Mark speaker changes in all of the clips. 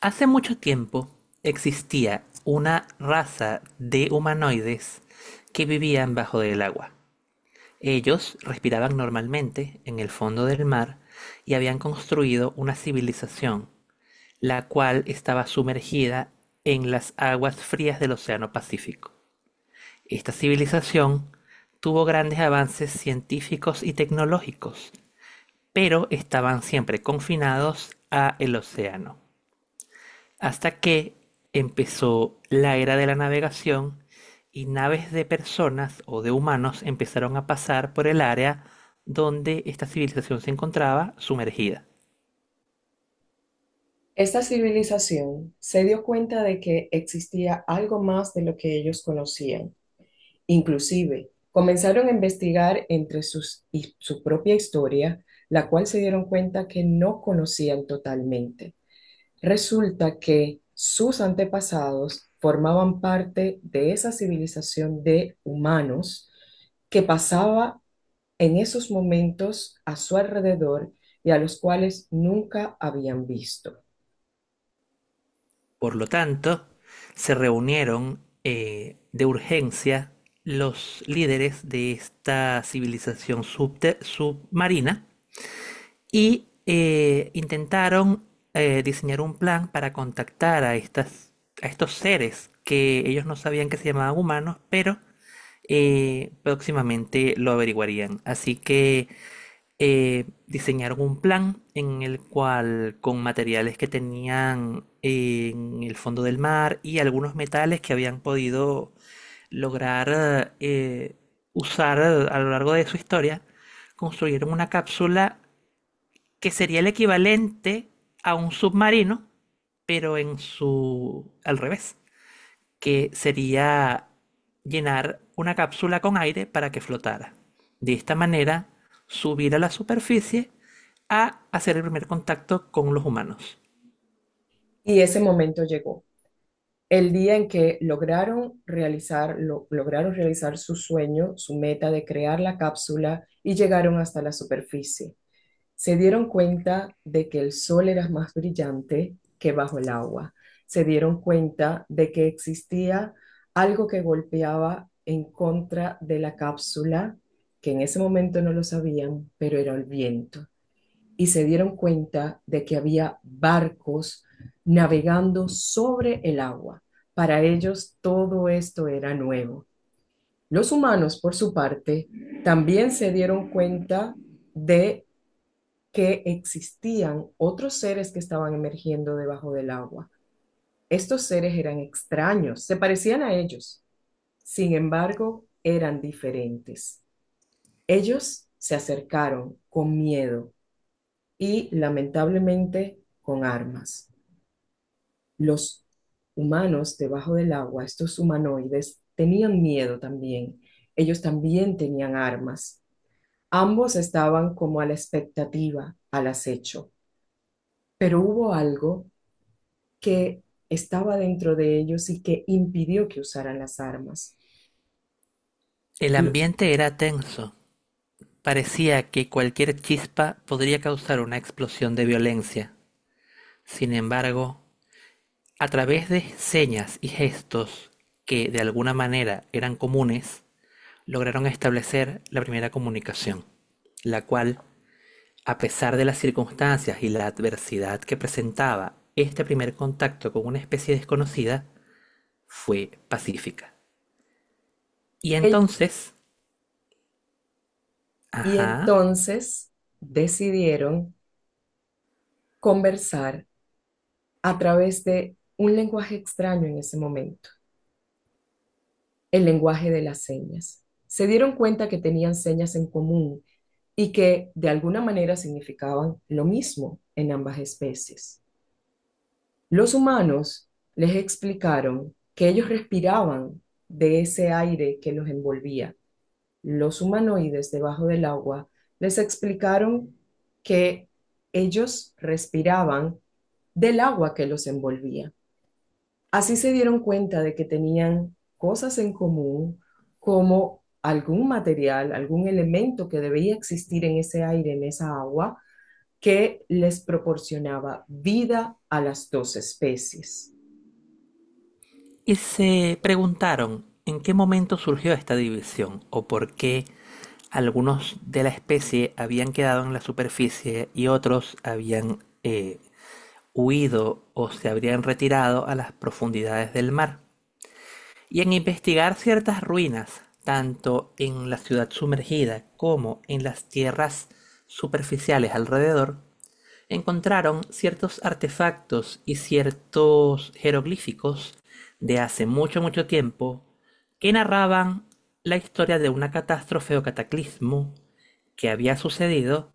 Speaker 1: Hace mucho tiempo existía una raza de humanoides que vivían bajo el agua. Ellos respiraban normalmente en el fondo del mar y habían construido una civilización, la cual estaba sumergida en las aguas frías del Océano Pacífico. Esta civilización tuvo grandes avances científicos y tecnológicos, pero estaban siempre confinados a el océano. Hasta que empezó la era de la navegación y naves de personas o de humanos empezaron a pasar por el área donde esta civilización se encontraba sumergida.
Speaker 2: Esta civilización se dio cuenta de que existía algo más de lo que ellos conocían. Inclusive, comenzaron a investigar y su propia historia, la cual se dieron cuenta que no conocían totalmente. Resulta que sus antepasados formaban parte de esa civilización de humanos que pasaba en esos momentos a su alrededor y a los cuales nunca habían visto.
Speaker 1: Por lo tanto, se reunieron de urgencia los líderes de esta civilización submarina y intentaron diseñar un plan para contactar a a estos seres que ellos no sabían que se llamaban humanos, pero próximamente lo averiguarían. Así que diseñaron un plan en el cual, con materiales que tenían en el fondo del mar y algunos metales que habían podido lograr usar a lo largo de su historia, construyeron una cápsula que sería el equivalente a un submarino, pero en su al revés, que sería llenar una cápsula con aire para que flotara. De esta manera, subir a la superficie a hacer el primer contacto con los humanos.
Speaker 2: Y ese momento llegó. El día en que lograron realizar su sueño, su meta de crear la cápsula y llegaron hasta la superficie. Se dieron cuenta de que el sol era más brillante que bajo el agua. Se dieron cuenta de que existía algo que golpeaba en contra de la cápsula, que en ese momento no lo sabían, pero era el viento y se dieron cuenta de que había barcos navegando sobre el agua. Para ellos todo esto era nuevo. Los humanos, por su parte, también se dieron cuenta de que existían otros seres que estaban emergiendo debajo del agua. Estos seres eran extraños, se parecían a ellos, sin embargo, eran diferentes. Ellos se acercaron con miedo y lamentablemente con armas. Los humanos debajo del agua, estos humanoides, tenían miedo también. Ellos también tenían armas. Ambos estaban como a la expectativa, al acecho. Pero hubo algo que estaba dentro de ellos y que impidió que usaran las armas.
Speaker 1: El ambiente era tenso. Parecía que cualquier chispa podría causar una explosión de violencia. Sin embargo, a través de señas y gestos que de alguna manera eran comunes, lograron establecer la primera comunicación, la cual, a pesar de las circunstancias y la adversidad que presentaba este primer contacto con una especie desconocida, fue pacífica. Y entonces,
Speaker 2: Y
Speaker 1: ajá,
Speaker 2: entonces decidieron conversar a través de un lenguaje extraño en ese momento, el lenguaje de las señas. Se dieron cuenta que tenían señas en común, y que de alguna manera significaban lo mismo en ambas especies. Los humanos les explicaron que ellos respiraban de ese aire que los envolvía. Los humanoides debajo del agua les explicaron que ellos respiraban del agua que los envolvía. Así se dieron cuenta de que tenían cosas en común como algún material, algún elemento que debía existir en ese aire, en esa agua, que les proporcionaba vida a las dos especies.
Speaker 1: y se preguntaron en qué momento surgió esta división o por qué algunos de la especie habían quedado en la superficie y otros habían huido o se habrían retirado a las profundidades del mar. Y en investigar ciertas ruinas, tanto en la ciudad sumergida como en las tierras superficiales alrededor, encontraron ciertos artefactos y ciertos jeroglíficos de hace mucho, mucho tiempo que narraban la historia de una catástrofe o cataclismo que había sucedido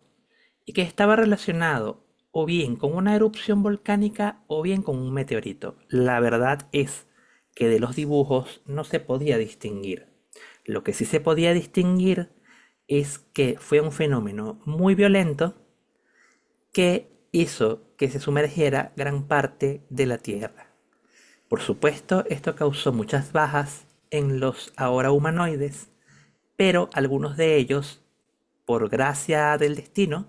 Speaker 1: y que estaba relacionado o bien con una erupción volcánica o bien con un meteorito. La verdad es que de los dibujos no se podía distinguir. Lo que sí se podía distinguir es que fue un fenómeno muy violento que hizo que se sumergiera gran parte de la Tierra. Por supuesto, esto causó muchas bajas en los ahora humanoides, pero algunos de ellos, por gracia del destino,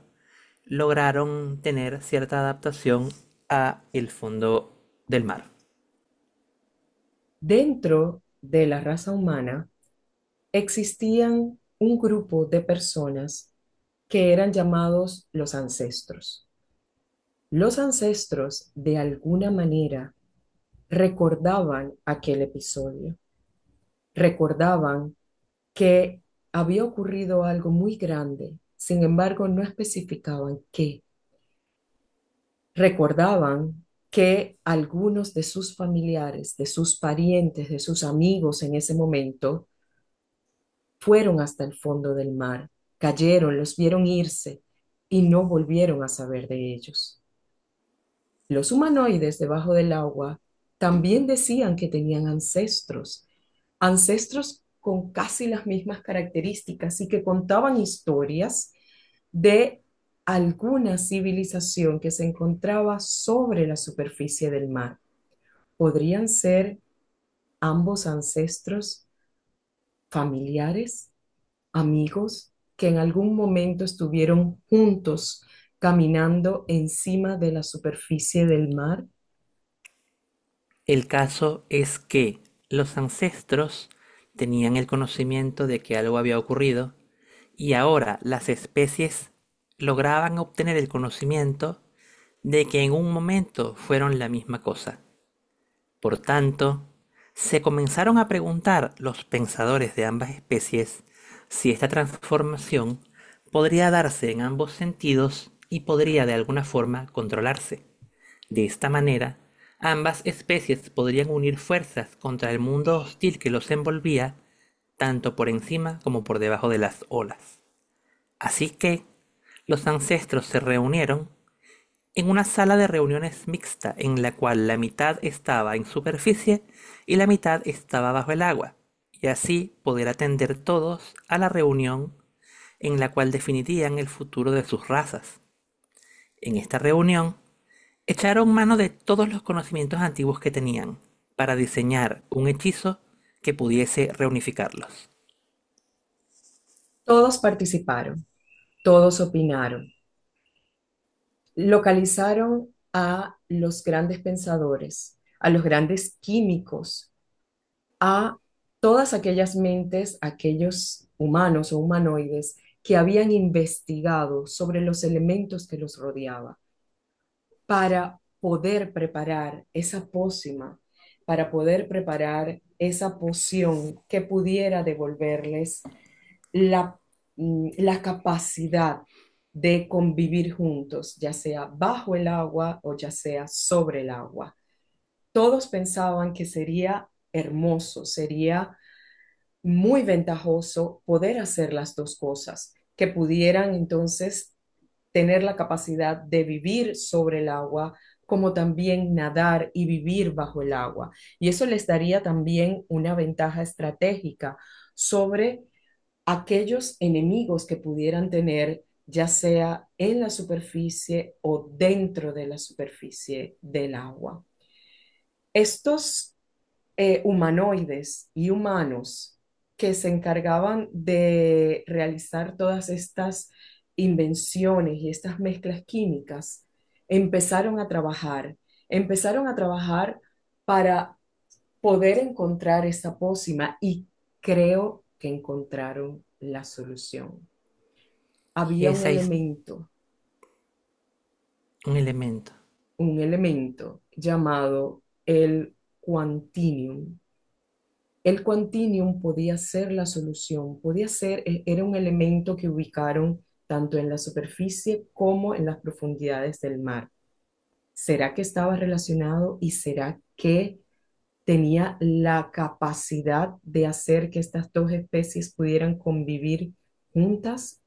Speaker 1: lograron tener cierta adaptación a el fondo del mar.
Speaker 2: Dentro de la raza humana existían un grupo de personas que eran llamados los ancestros. Los ancestros, de alguna manera, recordaban aquel episodio, recordaban que había ocurrido algo muy grande, sin embargo no especificaban qué recordaban que algunos de sus familiares, de sus parientes, de sus amigos en ese momento, fueron hasta el fondo del mar, cayeron, los vieron irse y no volvieron a saber de ellos. Los humanoides debajo del agua también decían que tenían ancestros, ancestros con casi las mismas características y que contaban historias de alguna civilización que se encontraba sobre la superficie del mar. ¿Podrían ser ambos ancestros familiares, amigos, que en algún momento estuvieron juntos caminando encima de la superficie del mar?
Speaker 1: El caso es que los ancestros tenían el conocimiento de que algo había ocurrido, y ahora las especies lograban obtener el conocimiento de que en un momento fueron la misma cosa. Por tanto, se comenzaron a preguntar los pensadores de ambas especies si esta transformación podría darse en ambos sentidos y podría de alguna forma controlarse. De esta manera, ambas especies podrían unir fuerzas contra el mundo hostil que los envolvía, tanto por encima como por debajo de las olas. Así que los ancestros se reunieron en una sala de reuniones mixta en la cual la mitad estaba en superficie y la mitad estaba bajo el agua, y así poder atender todos a la reunión en la cual definirían el futuro de sus razas. En esta reunión, echaron mano de todos los conocimientos antiguos que tenían para diseñar un hechizo que pudiese reunificarlos.
Speaker 2: Todos participaron, todos opinaron, localizaron a los grandes pensadores, a los grandes químicos, a todas aquellas mentes, aquellos humanos o humanoides que habían investigado sobre los elementos que los rodeaba para poder preparar esa pócima, para poder preparar esa poción que pudiera devolverles la, la capacidad de convivir juntos, ya sea bajo el agua o ya sea sobre el agua. Todos pensaban que sería hermoso, sería muy ventajoso poder hacer las dos cosas, que pudieran entonces tener la capacidad de vivir sobre el agua, como también nadar y vivir bajo el agua. Y eso les daría también una ventaja estratégica sobre aquellos enemigos que pudieran tener, ya sea en la superficie o dentro de la superficie del agua. Estos humanoides y humanos que se encargaban de realizar todas estas invenciones y estas mezclas químicas, empezaron a trabajar, empezaron a trabajar para poder encontrar esta pócima y creo que encontraron la solución.
Speaker 1: Y
Speaker 2: Había
Speaker 1: ese es un elemento.
Speaker 2: un elemento llamado el quantinium. El quantinium podía ser la solución, podía ser, era un elemento que ubicaron tanto en la superficie como en las profundidades del mar. ¿Será que estaba relacionado y será que tenía la capacidad de hacer que estas dos especies pudieran convivir juntas?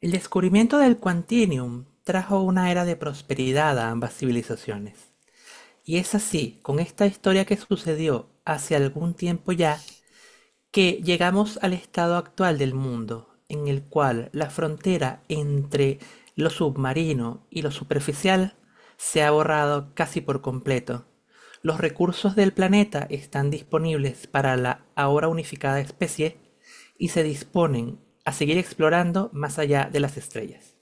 Speaker 1: El descubrimiento del Quantinium trajo una era de prosperidad a ambas civilizaciones. Y es así, con esta historia que sucedió hace algún tiempo ya, que llegamos al estado actual del mundo, en el cual la frontera entre lo submarino y lo superficial se ha borrado casi por completo. Los recursos del planeta están disponibles para la ahora unificada especie y se disponen a seguir explorando más allá de las estrellas.